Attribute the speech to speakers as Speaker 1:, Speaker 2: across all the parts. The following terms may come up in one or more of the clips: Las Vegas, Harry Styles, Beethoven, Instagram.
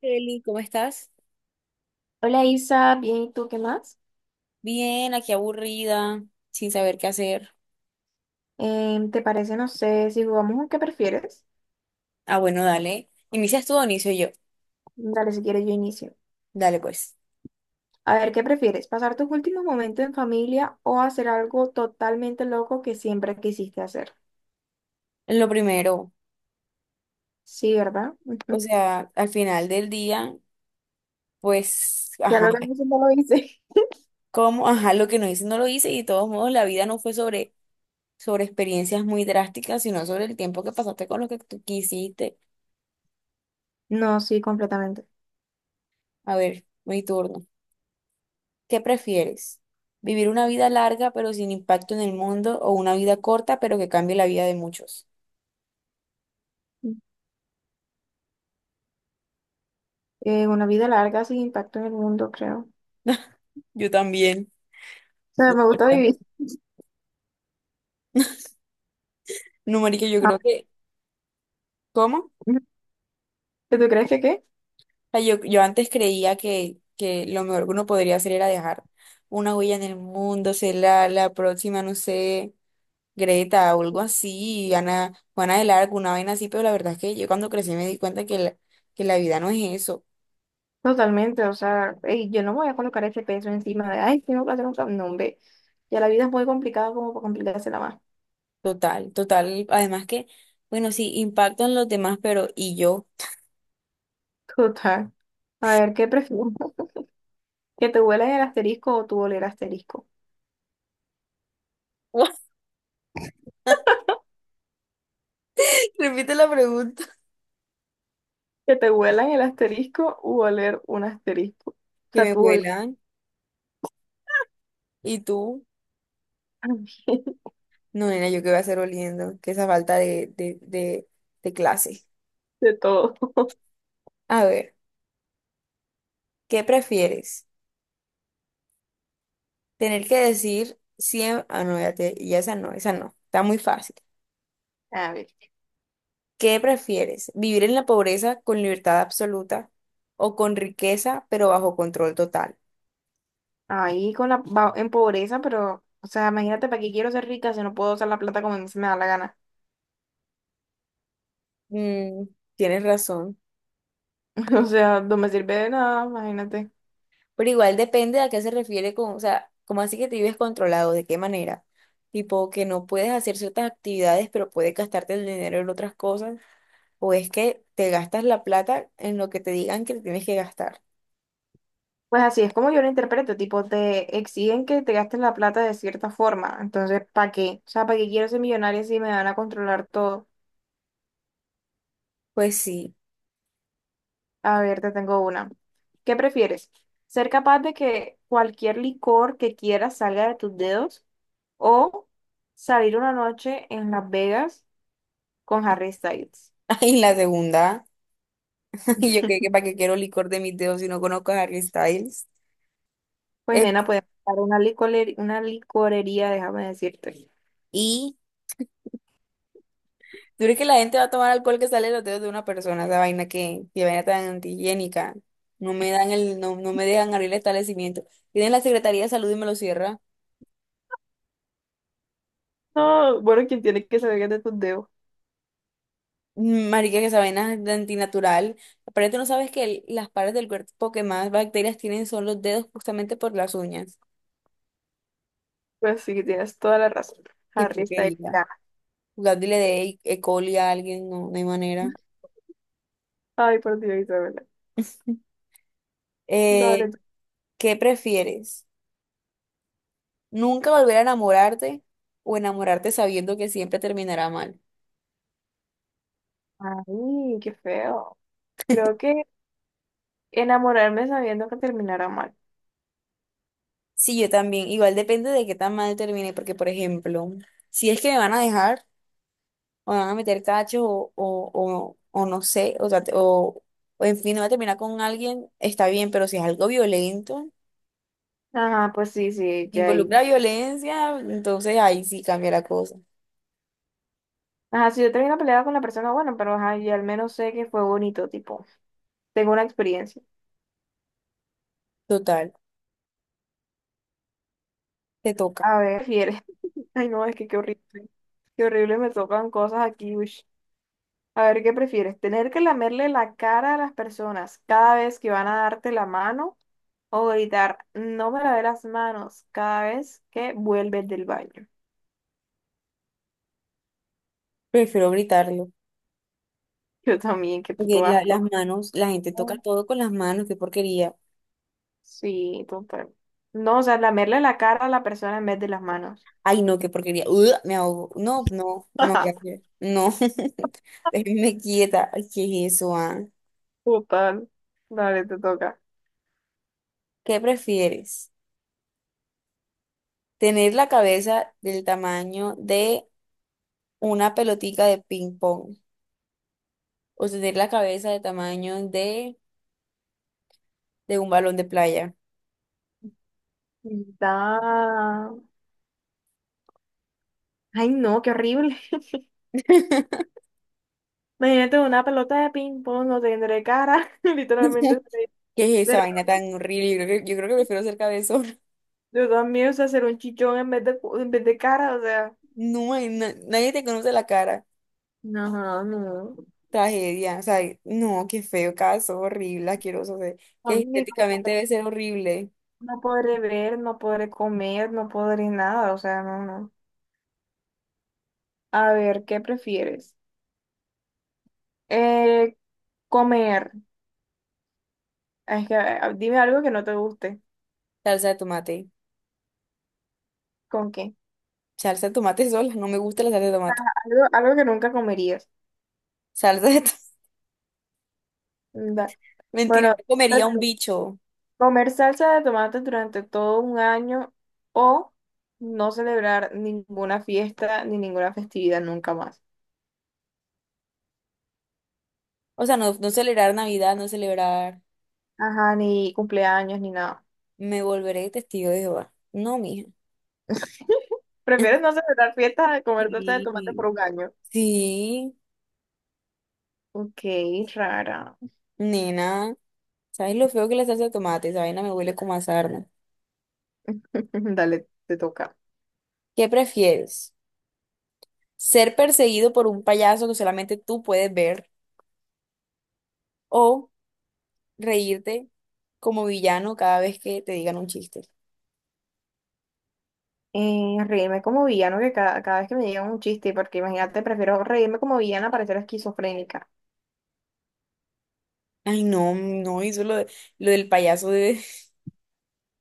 Speaker 1: Kelly, ¿cómo estás?
Speaker 2: Hola Isa, bien, ¿y tú qué más?
Speaker 1: Bien, aquí aburrida, sin saber qué hacer.
Speaker 2: ¿Te parece, no sé, si jugamos un qué prefieres?
Speaker 1: Ah, bueno, dale. ¿Inicias tú o inicio yo?
Speaker 2: Dale, si quieres yo inicio.
Speaker 1: Dale, pues.
Speaker 2: A ver, ¿qué prefieres? ¿Pasar tus últimos momentos en familia o hacer algo totalmente loco que siempre quisiste hacer?
Speaker 1: Lo primero,
Speaker 2: Sí, ¿verdad?
Speaker 1: o
Speaker 2: Ujú.
Speaker 1: sea, al final del día, pues,
Speaker 2: Ya
Speaker 1: ajá,
Speaker 2: lo tengo, siempre lo hice.
Speaker 1: ¿cómo? Ajá, lo que no hice no lo hice y de todos modos la vida no fue sobre, experiencias muy drásticas, sino sobre el tiempo que pasaste con lo que tú quisiste.
Speaker 2: No, sí, completamente.
Speaker 1: A ver, mi turno. ¿Qué prefieres? ¿Vivir una vida larga pero sin impacto en el mundo o una vida corta pero que cambie la vida de muchos?
Speaker 2: Una vida larga sin impacto en el mundo, creo. O
Speaker 1: Yo también.
Speaker 2: sea, me gusta
Speaker 1: ¿Verdad?
Speaker 2: vivir.
Speaker 1: No, marica, yo
Speaker 2: Ah,
Speaker 1: creo que, ¿cómo?
Speaker 2: ¿tú crees que qué?
Speaker 1: O sea, yo antes creía que, lo mejor que uno podría hacer era dejar una huella en el mundo, ser la, próxima, no sé, Greta o algo así, Ana, Juana del Arco, una vaina así, pero la verdad es que yo cuando crecí me di cuenta que la, vida no es eso,
Speaker 2: Totalmente, o sea, ey, yo no me voy a colocar ese peso encima de, ay, tengo que hacer un cambio, no, hombre. Ya la vida es muy complicada como para complicársela más.
Speaker 1: total, total, además que, bueno, sí, impacto en los demás, pero ¿y yo?
Speaker 2: Total. A ver, ¿qué prefieres? ¿Que te huelan el asterisco o tú oler asterisco?
Speaker 1: Repite la pregunta,
Speaker 2: Que te huelan el asterisco u oler un asterisco. O
Speaker 1: que
Speaker 2: sea,
Speaker 1: me
Speaker 2: tú oler
Speaker 1: vuelan, ¿y tú? No, nena, yo qué voy a hacer oliendo, que esa falta de, de clase.
Speaker 2: de todo.
Speaker 1: A ver, ¿qué prefieres? Tener que decir siempre. Ah, no, ya, ya esa no, esa no. Está muy fácil.
Speaker 2: A ver,
Speaker 1: ¿Qué prefieres? ¿Vivir en la pobreza con libertad absoluta o con riqueza pero bajo control total?
Speaker 2: ahí con la, va- en pobreza, pero, o sea, imagínate, ¿para qué quiero ser rica si no puedo usar la plata como a mí se me da la gana?
Speaker 1: Mm, tienes razón.
Speaker 2: O sea, no me sirve de nada, imagínate.
Speaker 1: Pero igual depende a qué se refiere con, o sea, ¿cómo así que te vives controlado? ¿De qué manera? Tipo, que no puedes hacer ciertas actividades, pero puedes gastarte el dinero en otras cosas o es que te gastas la plata en lo que te digan que tienes que gastar.
Speaker 2: Pues así es como yo lo interpreto, tipo, te exigen que te gastes la plata de cierta forma, entonces, ¿para qué? O sea, ¿para qué quiero ser millonaria si me van a controlar todo?
Speaker 1: Pues sí.
Speaker 2: A ver, te tengo una. ¿Qué prefieres? ¿Ser capaz de que cualquier licor que quieras salga de tus dedos o salir una noche en Las Vegas con Harry Styles?
Speaker 1: Y la segunda, yo creo que para qué quiero licor de mis dedos si no conozco a Harry Styles.
Speaker 2: Pues
Speaker 1: Es-
Speaker 2: nena, puedes buscar una licorería, déjame decirte.
Speaker 1: y tú crees que la gente va a tomar alcohol que sale de los dedos de una persona, esa vaina que, vaina tan antihigiénica. No me dan el, no, no me dejan abrir el establecimiento. Tienen la Secretaría de Salud y me lo cierra.
Speaker 2: No, bueno, ¿quien tiene que salir de tus dedos?
Speaker 1: Mm, marica, que esa vaina es de antinatural. Pero tú no sabes que las partes del cuerpo que más bacterias tienen son los dedos justamente por las uñas.
Speaker 2: Pues sí, tienes toda la razón.
Speaker 1: Qué
Speaker 2: Harry Styles
Speaker 1: porquería.
Speaker 2: gana.
Speaker 1: Dándole de E. coli a alguien, no, no hay manera.
Speaker 2: Ay, por Dios, Isabela. Dale,
Speaker 1: Eh,
Speaker 2: tú.
Speaker 1: ¿Qué prefieres? ¿Nunca volver a enamorarte o enamorarte sabiendo que siempre terminará mal?
Speaker 2: Ay, qué feo. Creo que enamorarme sabiendo que terminará mal.
Speaker 1: Sí, yo también. Igual depende de qué tan mal termine, porque, por ejemplo, si es que me van a dejar, o me van a meter cacho, o no sé, o sea, o en fin, no va a terminar con alguien, está bien, pero si es algo violento,
Speaker 2: Ajá, pues sí, sí, ya
Speaker 1: involucra
Speaker 2: ahí.
Speaker 1: violencia, entonces ahí sí cambia la cosa.
Speaker 2: Ajá, si yo termino peleada con la persona, bueno, pero ajá, y al menos sé que fue bonito, tipo, tengo una experiencia.
Speaker 1: Total, te toca.
Speaker 2: A ver, ¿qué prefieres? Ay, no, es que qué horrible. Qué horrible me tocan cosas aquí, uish. A ver, ¿qué prefieres? ¿Tener que lamerle la cara a las personas cada vez que van a darte la mano o gritar, no me lavé las manos cada vez que vuelves del baño?
Speaker 1: Prefiero gritarlo.
Speaker 2: Yo también, qué
Speaker 1: Porque
Speaker 2: puto asco.
Speaker 1: las manos, la gente toca todo con las manos, qué porquería.
Speaker 2: Sí, total. No, o sea, lamerle la cara a la persona en vez de las manos.
Speaker 1: Ay, no, qué porquería. Ugh, me ahogo. No, no, no, gracias. No, déjenme quieta. Ay, ¿qué es eso, ah?
Speaker 2: Total. Dale, te toca.
Speaker 1: ¿Qué prefieres? ¿Tener la cabeza del tamaño de una pelotica de ping pong? ¿O tener la cabeza del tamaño de, un balón de playa?
Speaker 2: Da. Ay, no, qué horrible. Imagínate una pelota de ping-pong, no tendré cara. Literalmente, seré-
Speaker 1: ¿Qué es esa vaina
Speaker 2: será-
Speaker 1: tan horrible? Yo creo que prefiero ser cabezón.
Speaker 2: yo también, o sea, ser un chichón en vez de, cu- en vez de cara, o sea.
Speaker 1: No, nadie te conoce la cara.
Speaker 2: No, no.
Speaker 1: Tragedia, o sea, no, qué feo caso, horrible, asqueroso, o sea,
Speaker 2: No,
Speaker 1: que
Speaker 2: ni
Speaker 1: estéticamente
Speaker 2: podré-
Speaker 1: debe ser horrible.
Speaker 2: no podré ver, no podré comer, no podré nada, o sea, no, no. A ver, ¿qué prefieres? Eh, Comer. Es que, dime algo que no te guste.
Speaker 1: Salsa de tomate,
Speaker 2: ¿Con qué?
Speaker 1: salsa de tomate sola, no me gusta la salsa de tomate.
Speaker 2: Algo, algo que nunca comerías.
Speaker 1: Salsa de tomate,
Speaker 2: Da-
Speaker 1: mentira,
Speaker 2: bueno,
Speaker 1: no comería un bicho.
Speaker 2: comer salsa de tomate durante todo un año o no celebrar ninguna fiesta ni ninguna festividad nunca más.
Speaker 1: O sea, no, no celebrar Navidad, no celebrar,
Speaker 2: Ajá, ni cumpleaños ni nada.
Speaker 1: me volveré testigo de Jehová. No, mija.
Speaker 2: Prefieres no celebrar fiestas a comer salsa de
Speaker 1: Sí,
Speaker 2: tomate por un año.
Speaker 1: sí,
Speaker 2: Ok, rara.
Speaker 1: nena, ¿sabes lo feo que es la salsa de tomate? Esa vaina me huele como a sarna.
Speaker 2: Dale, te toca.
Speaker 1: ¿Qué prefieres? ¿Ser perseguido por un payaso que solamente tú puedes ver? Reírte como villano cada vez que te digan un chiste.
Speaker 2: Reírme como villano que cada, cada vez que me llega un chiste, porque imagínate, prefiero reírme como villana para ser esquizofrénica.
Speaker 1: Ay, no, no, hizo lo, lo del payaso de...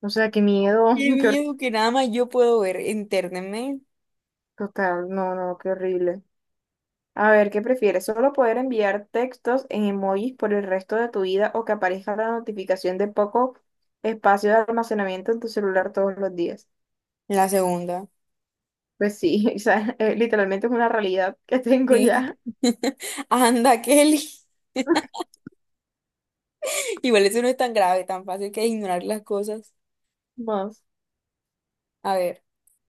Speaker 2: O sea, qué miedo,
Speaker 1: Qué
Speaker 2: qué horrible.
Speaker 1: miedo que nada más yo puedo ver. Entérnenme.
Speaker 2: Total, no, no, qué horrible. A ver, ¿qué prefieres? ¿Solo poder enviar textos en emojis por el resto de tu vida o que aparezca la notificación de poco espacio de almacenamiento en tu celular todos los días?
Speaker 1: La segunda.
Speaker 2: Pues sí, o sea, literalmente es una realidad que tengo
Speaker 1: Sí.
Speaker 2: ya.
Speaker 1: Anda, Kelly. Igual eso no es tan grave, tan fácil que ignorar las cosas.
Speaker 2: Más.
Speaker 1: A ver,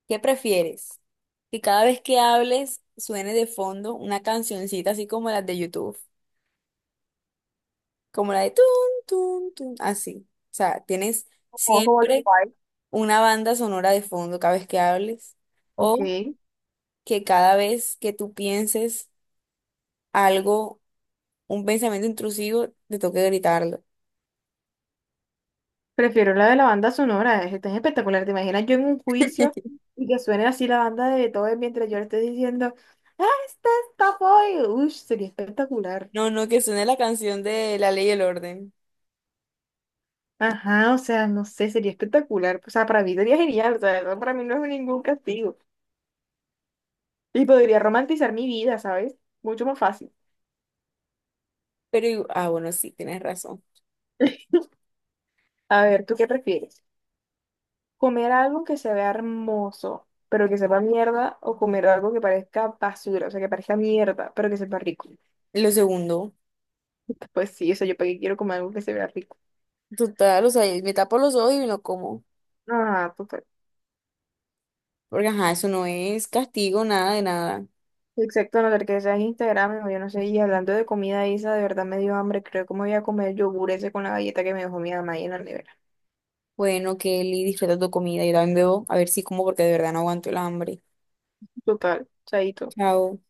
Speaker 1: ¿qué prefieres? Que cada vez que hables suene de fondo una cancioncita así como las de YouTube, como la de tun, tun, tun, así. O sea, tienes
Speaker 2: Como, como los
Speaker 1: siempre
Speaker 2: pais.
Speaker 1: una banda sonora de fondo cada vez que hables o
Speaker 2: Ok.
Speaker 1: que cada vez que tú pienses algo, un pensamiento intrusivo, te toque gritarlo.
Speaker 2: Prefiero la de la banda sonora, es espectacular. ¿Te imaginas yo en un juicio y que suene así la banda de Beethoven mientras yo le estoy diciendo, ¡ah, este es Topoi! Uy, sería espectacular.
Speaker 1: No, no, que suene la canción de La Ley y el Orden.
Speaker 2: Ajá, o sea, no sé, sería espectacular. O sea, para mí sería genial, o sea, eso para mí no es ningún castigo. Y podría romantizar mi vida, ¿sabes? Mucho más fácil.
Speaker 1: Pero, bueno, sí, tienes razón.
Speaker 2: A ver, ¿tú qué prefieres? ¿Comer algo que se vea hermoso, pero que sepa mierda? ¿O comer algo que parezca basura, o sea, que parezca mierda, pero que sepa rico?
Speaker 1: Lo segundo,
Speaker 2: Pues sí, eso yo para qué quiero comer algo que se vea rico.
Speaker 1: total, o sea, me tapo los ojos y no como.
Speaker 2: Ah, total.
Speaker 1: Porque, ajá, eso no es castigo, nada de nada.
Speaker 2: Exacto, a no ser que sea en Instagram, o yo no sé, y hablando de comida, Isa, de verdad me dio hambre, creo que me voy a comer el yogur ese con la galleta que me dejó mi mamá ahí en la nevera.
Speaker 1: Bueno, Kelly, disfruta tu comida. Yo también bebo, a ver si como, porque de verdad no aguanto el hambre.
Speaker 2: Total, chaito.
Speaker 1: Chao.